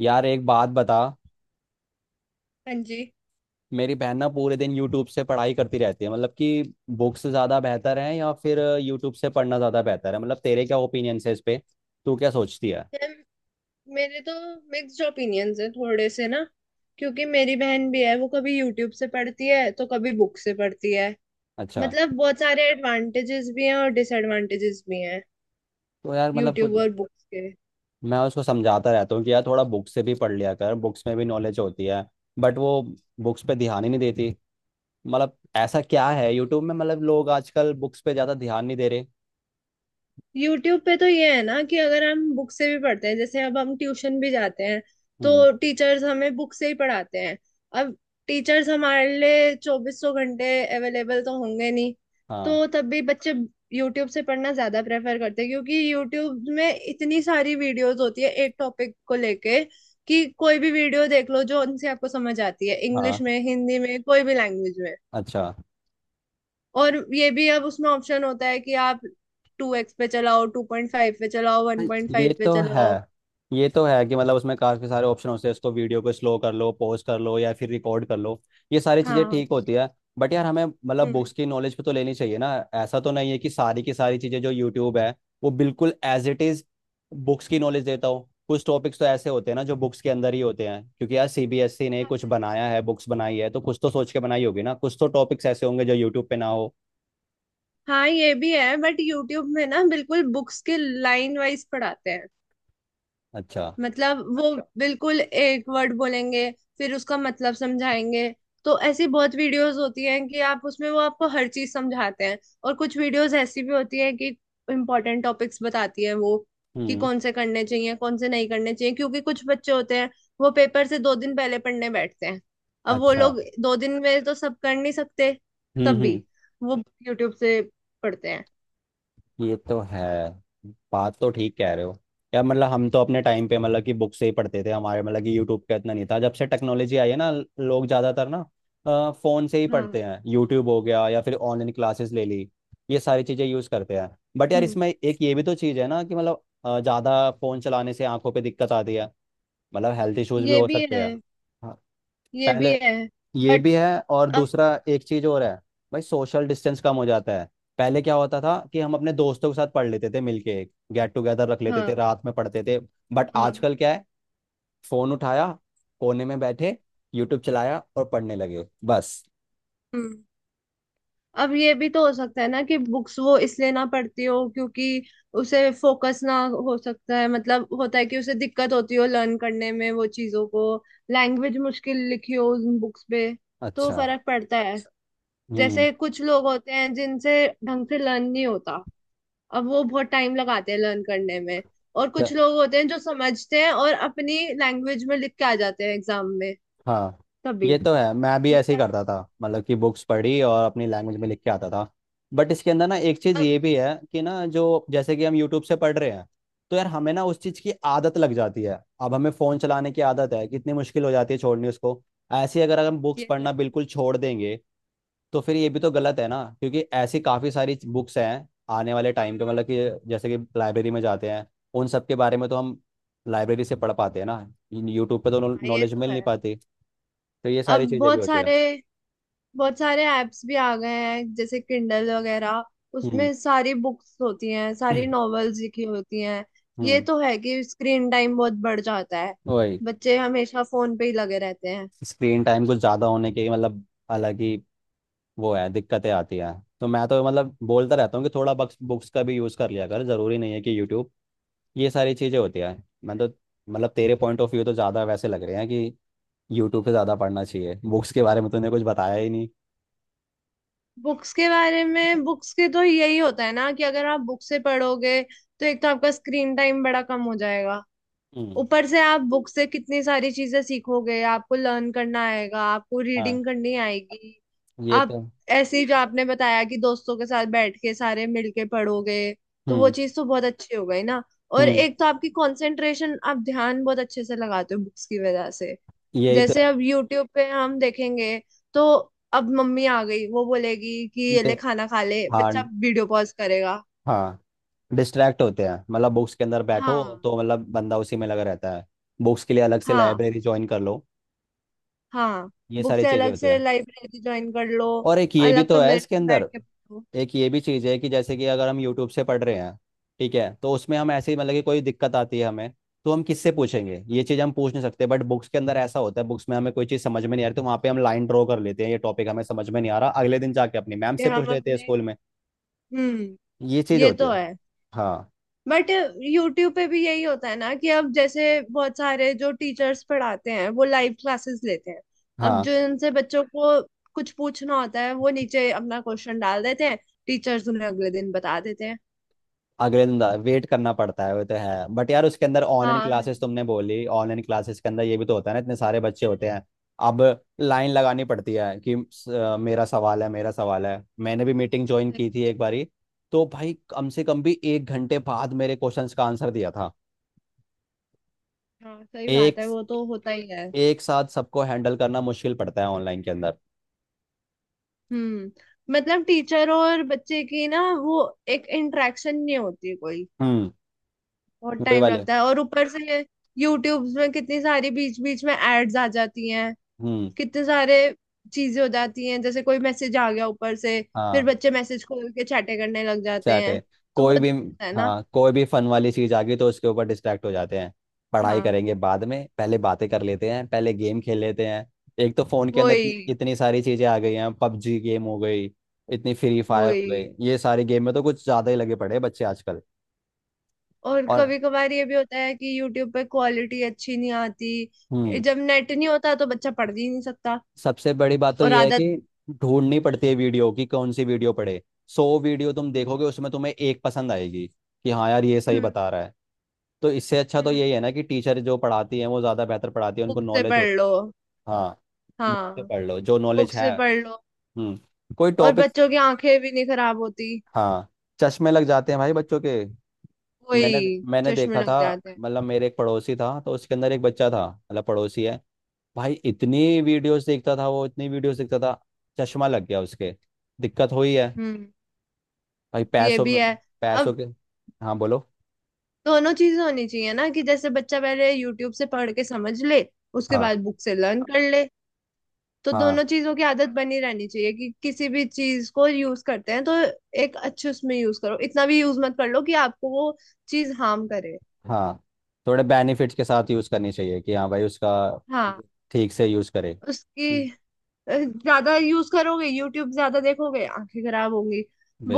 यार एक बात बता। हाँ जी। मेरी बहन ना पूरे दिन यूट्यूब से पढ़ाई करती रहती है। मतलब कि बुक्स ज़्यादा बेहतर है या फिर यूट्यूब से पढ़ना ज़्यादा बेहतर है? मतलब तेरे क्या ओपिनियन है इस पे, तू क्या सोचती है? मैम, मेरे तो मिक्स्ड ओपिनियंस है थोड़े से ना, क्योंकि मेरी बहन भी है। वो कभी यूट्यूब से पढ़ती है तो कभी बुक से पढ़ती है। अच्छा। मतलब बहुत सारे एडवांटेजेस भी हैं और डिसएडवांटेजेस भी हैं तो यार मतलब कुछ। यूट्यूब और बुक्स के। मैं उसको समझाता रहता हूँ कि यार थोड़ा बुक से भी पढ़ लिया कर, बुक्स में भी नॉलेज होती है। बट वो बुक्स पे ध्यान ही नहीं देती। मतलब ऐसा क्या है यूट्यूब में? मतलब लोग आजकल बुक्स पे ज़्यादा ध्यान नहीं दे रहे। यूट्यूब पे तो ये है ना कि अगर हम बुक से भी पढ़ते हैं, जैसे अब हम ट्यूशन भी जाते हैं हम्म। तो टीचर्स हमें बुक से ही पढ़ाते हैं। अब टीचर्स हमारे लिए चौबीसों घंटे अवेलेबल तो होंगे नहीं, हाँ। तो तब भी बच्चे यूट्यूब से पढ़ना ज्यादा प्रेफर करते हैं, क्योंकि यूट्यूब में इतनी सारी वीडियोस होती है एक टॉपिक को लेके, कि कोई भी वीडियो देख लो जो उनसे आपको समझ आती है, इंग्लिश हाँ। में, हिंदी में, कोई भी लैंग्वेज में। अच्छा। और ये भी अब उसमें ऑप्शन होता है कि आप 2x पे चलाओ, 2.5 पे चलाओ, हाँ, वन पॉइंट ये फाइव पे तो है। चलाओ। ये तो है कि मतलब उसमें काफी सारे ऑप्शन होते हैं, उसको वीडियो को स्लो कर लो, पॉज कर लो या फिर रिकॉर्ड कर लो। ये सारी चीजें हाँ। ठीक होती है। बट यार हमें मतलब हम्म। बुक्स की नॉलेज पे तो लेनी चाहिए ना, ऐसा तो नहीं है कि सारी की सारी चीजें जो यूट्यूब है वो बिल्कुल एज इट इज बुक्स की नॉलेज देता हो। कुछ टॉपिक्स तो ऐसे होते हैं ना जो बुक्स के अंदर ही होते हैं, क्योंकि यार सीबीएसई ने कुछ बनाया है, बुक्स बनाई है, तो कुछ तो सोच के बनाई होगी ना, कुछ तो टॉपिक्स ऐसे होंगे जो यूट्यूब पे ना हो। हाँ ये भी है, बट यूट्यूब में ना बिल्कुल बुक्स के लाइन वाइज पढ़ाते हैं। अच्छा। मतलब वो बिल्कुल एक वर्ड बोलेंगे, फिर उसका मतलब समझाएंगे। तो ऐसी बहुत वीडियोस होती हैं कि आप उसमें वो आपको हर चीज समझाते हैं। और कुछ वीडियोस ऐसी भी होती है कि इम्पोर्टेंट टॉपिक्स बताती है वो, कि हम्म। कौन से करने चाहिए कौन से नहीं करने चाहिए, क्योंकि कुछ बच्चे होते हैं वो पेपर से 2 दिन पहले पढ़ने बैठते हैं। अब वो अच्छा। लोग 2 दिन में तो सब कर नहीं सकते, हम्म। तब भी हम्म। वो यूट्यूब से पढ़ते हैं। ये तो है। बात तो ठीक कह रहे हो। यार मतलब हम तो अपने टाइम पे मतलब कि बुक से ही पढ़ते थे, हमारे मतलब कि यूट्यूब का इतना नहीं था, जब से टेक्नोलॉजी आई है ना लोग ज़्यादातर ना फ़ोन से ही हाँ। पढ़ते हैं, यूट्यूब हो गया या फिर ऑनलाइन क्लासेस ले ली, ये सारी चीज़ें यूज़ करते हैं। बट यार हम्म। इसमें एक ये भी तो चीज़ है ना कि मतलब ज़्यादा फ़ोन चलाने से आंखों पे दिक्कत आती है, मतलब हेल्थ इश्यूज भी ये हो भी सकते है। हैं। हाँ। ये भी पहले है ये बट भी है और अब। दूसरा एक चीज और है। भाई सोशल डिस्टेंस कम हो जाता है। पहले क्या होता था कि हम अपने दोस्तों के साथ पढ़ लेते थे, मिलके एक गेट टुगेदर रख लेते थे, हाँ। रात में पढ़ते थे। बट हाँ। आजकल क्या है? फोन उठाया, कोने में बैठे, यूट्यूब चलाया और पढ़ने लगे बस। हम्म। अब ये भी तो हो सकता है ना कि बुक्स वो इसलिए ना पढ़ती हो, क्योंकि उसे फोकस ना, हो सकता है मतलब होता है कि उसे दिक्कत होती हो लर्न करने में वो चीजों को, लैंग्वेज मुश्किल लिखी हो उन बुक्स पे। तो अच्छा। फर्क पड़ता है। हम्म। जैसे कुछ लोग होते हैं जिनसे ढंग से लर्न नहीं होता, अब वो बहुत टाइम लगाते हैं लर्न करने में। और कुछ लोग होते हैं जो समझते हैं और अपनी लैंग्वेज में लिख के आ जाते हैं एग्जाम में। हाँ। तभी। ये तो है। मैं भी वो ऐसे ही क्या। करता था, मतलब कि बुक्स पढ़ी और अपनी लैंग्वेज में लिख के आता था। बट इसके अंदर ना एक चीज़ अब ये भी है कि ना जो जैसे कि हम यूट्यूब से पढ़ रहे हैं तो यार हमें ना उस चीज़ की आदत लग जाती है, अब हमें फ़ोन चलाने की आदत है, कितनी मुश्किल हो जाती है छोड़नी उसको। ऐसे ही अगर अगर हम बुक्स ये तो पढ़ना है। बिल्कुल छोड़ देंगे तो फिर ये भी तो गलत है ना, क्योंकि ऐसी काफ़ी सारी बुक्स हैं। आने वाले टाइम पे मतलब कि जैसे कि लाइब्रेरी में जाते हैं, उन सब के बारे में तो हम लाइब्रेरी से पढ़ पाते हैं ना, यूट्यूब पे तो हाँ, ये नॉलेज तो मिल नहीं है। पाती। तो ये अब सारी चीज़ें भी बहुत होती है। सारे बहुत सारे ऐप्स भी आ गए हैं जैसे किंडल वगैरह। हम्म। उसमें सारी बुक्स होती हैं, सारी नॉवेल्स लिखी होती हैं। ये हम्म। तो है कि स्क्रीन टाइम बहुत बढ़ जाता है, वही। बच्चे हमेशा फोन पे ही लगे रहते हैं। स्क्रीन टाइम कुछ ज़्यादा होने के मतलब अलग ही वो है, दिक्कतें आती हैं। तो मैं तो मतलब बोलता रहता हूँ कि थोड़ा बुक्स बुक्स का भी यूज़ कर लिया कर, ज़रूरी नहीं है कि यूट्यूब। ये सारी चीज़ें होती हैं। मैं तो मतलब तेरे पॉइंट ऑफ व्यू तो ज़्यादा वैसे लग रहे हैं कि यूट्यूब पे ज़्यादा पढ़ना चाहिए, बुक्स के बारे में तूने कुछ बताया ही नहीं। बुक्स के बारे में, बुक्स के तो यही होता है ना कि अगर आप बुक से पढ़ोगे तो एक तो आपका स्क्रीन टाइम बड़ा कम हो जाएगा। हम्म। ऊपर से आप बुक से कितनी सारी चीजें सीखोगे, आपको लर्न करना आएगा, आपको हाँ। रीडिंग करनी आएगी। ये आप तो। ऐसे ही जो आपने बताया कि दोस्तों के साथ बैठ के सारे मिलके पढ़ोगे, तो वो हम्म। चीज तो बहुत अच्छी हो गई ना। और हम्म। एक तो आपकी कंसंट्रेशन, आप ध्यान बहुत अच्छे से लगाते हो बुक्स की वजह से। यही तो जैसे अब यूट्यूब पे हम देखेंगे तो अब मम्मी आ गई, वो बोलेगी कि है। ये ले खाना खा ले, हाँ। बच्चा वीडियो पॉज करेगा। हाँ। डिस्ट्रैक्ट होते हैं, मतलब बुक्स के अंदर बैठो हाँ। तो मतलब बंदा उसी में लगा रहता है। बुक्स के लिए अलग से हाँ। लाइब्रेरी ज्वाइन कर लो। हाँ। ये बुक सारी से चीज़ें अलग होती से है। लाइब्रेरी ज्वाइन कर लो, और एक ये भी अलग तो है कमरे इसके में बैठ अंदर, के पढ़ो। एक ये भी चीज़ है कि जैसे कि अगर हम यूट्यूब से पढ़ रहे हैं, ठीक है, तो उसमें हम ऐसे ही मतलब कि कोई दिक्कत आती है हमें तो हम किससे पूछेंगे? ये चीज़ हम पूछ नहीं सकते। बट बुक्स के अंदर ऐसा होता है, बुक्स में हमें कोई चीज़ समझ में नहीं आ रही तो वहाँ पे हम लाइन ड्रॉ कर लेते हैं, ये टॉपिक हमें समझ में नहीं आ रहा, अगले दिन जाके अपनी मैम कि से पूछ हम लेते हैं अपने। स्कूल में। हम्म। ये चीज़ ये होती तो है। है, हाँ। बट यूट्यूब पे भी यही होता है ना कि अब जैसे बहुत सारे जो टीचर्स पढ़ाते हैं वो लाइव क्लासेस लेते हैं। अब हाँ। जो इनसे बच्चों को कुछ पूछना होता है वो नीचे अपना क्वेश्चन डाल देते हैं, टीचर्स उन्हें अगले दिन बता देते हैं। अगले दिन वेट करना पड़ता है, वो तो है, बट यार उसके अंदर ऑनलाइन हाँ क्लासेस वैसे- तुमने बोली, ऑनलाइन क्लासेस के अंदर ये भी तो होता है ना, इतने सारे बच्चे होते हैं। अब लाइन लगानी पड़ती है कि मेरा सवाल है, मेरा सवाल है। मैंने भी मीटिंग ज्वाइन तो, की थी एक बारी, तो भाई कम से कम भी एक घंटे बाद मेरे क्वेश्चंस का आंसर दिया था। हाँ सही बात एक है वो तो होता ही है। एक साथ सबको हैंडल करना मुश्किल पड़ता है ऑनलाइन के अंदर। हम्म। मतलब टीचर और बच्चे की ना वो एक इंटरेक्शन नहीं होती कोई, हम्म। बहुत वही टाइम वाले। लगता है। और ऊपर से यूट्यूब में कितनी सारी बीच बीच में एड्स आ जाती हैं, हम्म। कितने सारे चीजें हो जाती हैं, जैसे कोई मैसेज आ गया ऊपर से, फिर हाँ। बच्चे मैसेज खोल के चैटें करने लग जाते सेट हैं। है। तो वो कोई भी। दिक्कत है ना। हाँ, कोई भी फन वाली चीज आ गई तो उसके ऊपर डिस्ट्रैक्ट हो जाते हैं। पढ़ाई हाँ। करेंगे बाद में, पहले बातें कर लेते हैं, पहले गेम खेल लेते हैं। एक तो फोन के अंदर इतनी, वही। इतनी सारी चीजें आ गई हैं, पबजी गेम हो गई, इतनी फ्री फायर हो वही। गई, ये सारे गेम में तो कुछ ज्यादा ही लगे पड़े हैं बच्चे आजकल। और और। कभी कभार ये भी होता है कि यूट्यूब पे क्वालिटी अच्छी नहीं आती, हम्म। जब नेट नहीं होता तो बच्चा पढ़ भी नहीं सकता। सबसे बड़ी बात तो और ये है आदत। कि ढूंढनी पड़ती है वीडियो की, कौन सी वीडियो पढ़े। 100 वीडियो तुम देखोगे उसमें तुम्हें एक पसंद आएगी कि हाँ यार ये सही हम्म। बता रहा है। तो इससे अच्छा तो हम्म। यही है ना कि टीचर जो पढ़ाती है वो ज़्यादा बेहतर पढ़ाती है, उनको बुक से नॉलेज पढ़ होती है। लो। हाँ। बुक से हाँ। पढ़ लो जो बुक नॉलेज है। से पढ़ लो। हम्म। कोई और टॉपिक। बच्चों की आंखें भी नहीं खराब होती। हाँ। चश्मे लग जाते हैं भाई बच्चों के। मैंने वही, मैंने चश्मे देखा था, लग जाते हैं। मतलब मेरे एक पड़ोसी था तो उसके अंदर एक बच्चा था, मतलब पड़ोसी है भाई, इतनी वीडियोस देखता था वो, इतनी वीडियोस देखता था। चश्मा लग गया उसके, दिक्कत हुई है हम्म। भाई ये पैसों भी में, है। अब पैसों के। हाँ बोलो। दोनों चीजें होनी चाहिए ना, कि जैसे बच्चा पहले यूट्यूब से पढ़ के समझ ले, उसके हाँ। बाद बुक से लर्न कर ले। तो दोनों हाँ। चीजों की आदत बनी रहनी चाहिए कि किसी भी चीज को यूज करते हैं तो एक अच्छे उसमें यूज करो, इतना भी यूज मत कर लो कि आपको वो चीज हार्म करे। हाँ। थोड़े बेनिफिट्स के साथ यूज़ करनी चाहिए कि हाँ भाई उसका हाँ। ठीक से यूज़ करे। उसकी, ज्यादा यूज करोगे यूट्यूब ज्यादा देखोगे आंखें खराब होंगी।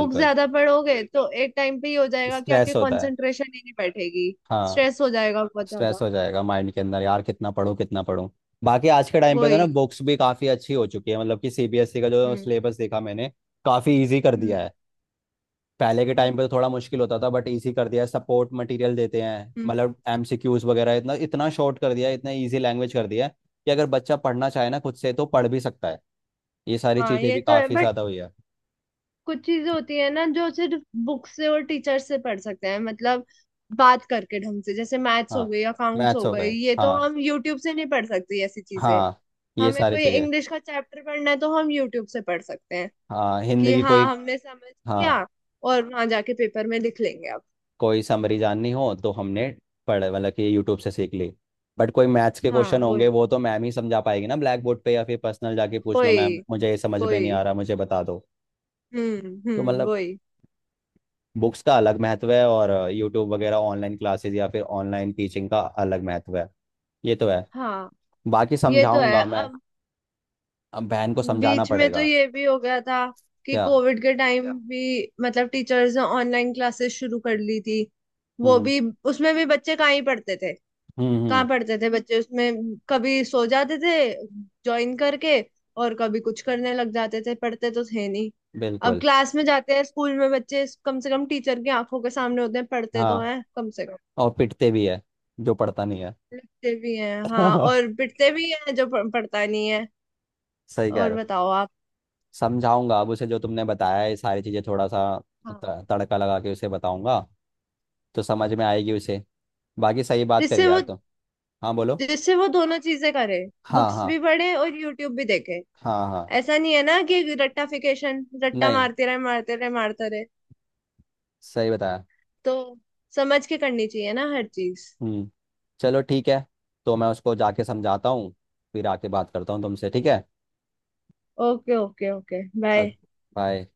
बुक ज्यादा पढ़ोगे तो एक टाइम पे ही हो जाएगा कि आपकी स्ट्रेस होता है। कंसंट्रेशन ही नहीं बैठेगी, हाँ। स्ट्रेस हो जाएगा बहुत स्ट्रेस ज्यादा। हो जाएगा माइंड के अंदर यार, कितना पढूं कितना पढूं। बाकी आज के टाइम पे तो ना वही। बुक्स भी काफ़ी अच्छी हो चुकी है, मतलब कि सीबीएसई का जो हम्म। सिलेबस देखा मैंने, काफ़ी इजी कर दिया हम्म। है। पहले के टाइम हम्म। पे तो थोड़ा मुश्किल होता था बट इजी कर दिया है, सपोर्ट मटेरियल देते हैं, हम्म। मतलब एमसीक्यूज वगैरह, इतना इतना शॉर्ट कर दिया है, इतना इजी लैंग्वेज कर दिया है कि अगर बच्चा पढ़ना चाहे ना खुद से तो पढ़ भी सकता है। ये सारी हाँ चीज़ें ये भी तो है, काफ़ी बट ज़्यादा हुई है। कुछ चीजें होती है ना जो सिर्फ बुक से और टीचर से पढ़ सकते हैं, मतलब बात करके ढंग से। जैसे मैथ्स हो हाँ। गई, अकाउंट्स मैथ्स हो हो गए, गए। ये तो हाँ। हम यूट्यूब से नहीं पढ़ सकते। ऐसी चीजें हाँ। ये हमें सारी कोई चीज़ें। इंग्लिश का चैप्टर पढ़ना है तो हम यूट्यूब से पढ़ सकते हैं, हाँ, हिंदी कि की हाँ कोई। हमने समझ हाँ। लिया, और वहां जाके पेपर में लिख लेंगे अब। कोई समरी जाननी हो तो हमने पढ़े, मतलब कि यूट्यूब से सीख ली। बट कोई मैथ्स के हाँ। क्वेश्चन होंगे वही। वो तो मैम ही समझा पाएगी ना, ब्लैक बोर्ड पे, या फिर पर्सनल जाके पूछ लो, वही। मैम मुझे ये समझ में नहीं आ वही। रहा, मुझे बता दो। हम्म। तो हम्म। मतलब वही। बुक्स का अलग महत्व है और यूट्यूब वगैरह ऑनलाइन क्लासेस या फिर ऑनलाइन टीचिंग का अलग महत्व है। ये तो है। हाँ बाकी ये तो है। समझाऊंगा मैं। अब अब बहन को समझाना बीच में तो पड़ेगा। ये भी हो गया था कि क्या? कोविड के टाइम भी मतलब टीचर्स ने ऑनलाइन क्लासेस शुरू कर ली थी। वो हम्म। भी, उसमें भी बच्चे कहाँ ही पढ़ते थे। हम्म। हम्म। कहाँ पढ़ते थे बच्चे उसमें, कभी सो जाते थे ज्वाइन करके, और कभी कुछ करने लग जाते थे, पढ़ते तो थे नहीं। अब बिल्कुल। क्लास में जाते हैं स्कूल में, बच्चे कम से कम टीचर की आंखों के सामने होते हैं, पढ़ते तो हाँ, हैं कम से कम, और पिटते भी है जो पढ़ता नहीं है। लिखते भी हैं। हाँ, और पिटते भी हैं जो पढ़ता नहीं है। सही कह और रहे हो। बताओ आप। समझाऊंगा अब उसे, जो तुमने बताया है ये सारी चीजें, थोड़ा सा हाँ, तड़का लगा के उसे बताऊंगा तो समझ में आएगी उसे। बाकी सही बात करी जिससे यार वो, तुम। हाँ बोलो। जिससे वो दोनों चीजें करे, हाँ। बुक्स हाँ। भी पढ़े और यूट्यूब भी देखे। हाँ। हाँ। ऐसा नहीं है ना कि रट्टाफिकेशन, रट्टा नहीं, मारते रहे मारते रहे मारते रहे। सही बताया। तो समझ के करनी चाहिए ना हर चीज। हम्म। चलो ठीक है। तो मैं उसको जाके समझाता हूँ, फिर आके बात करता हूँ तुमसे, ठीक है, okay okay okay, bye. Bye.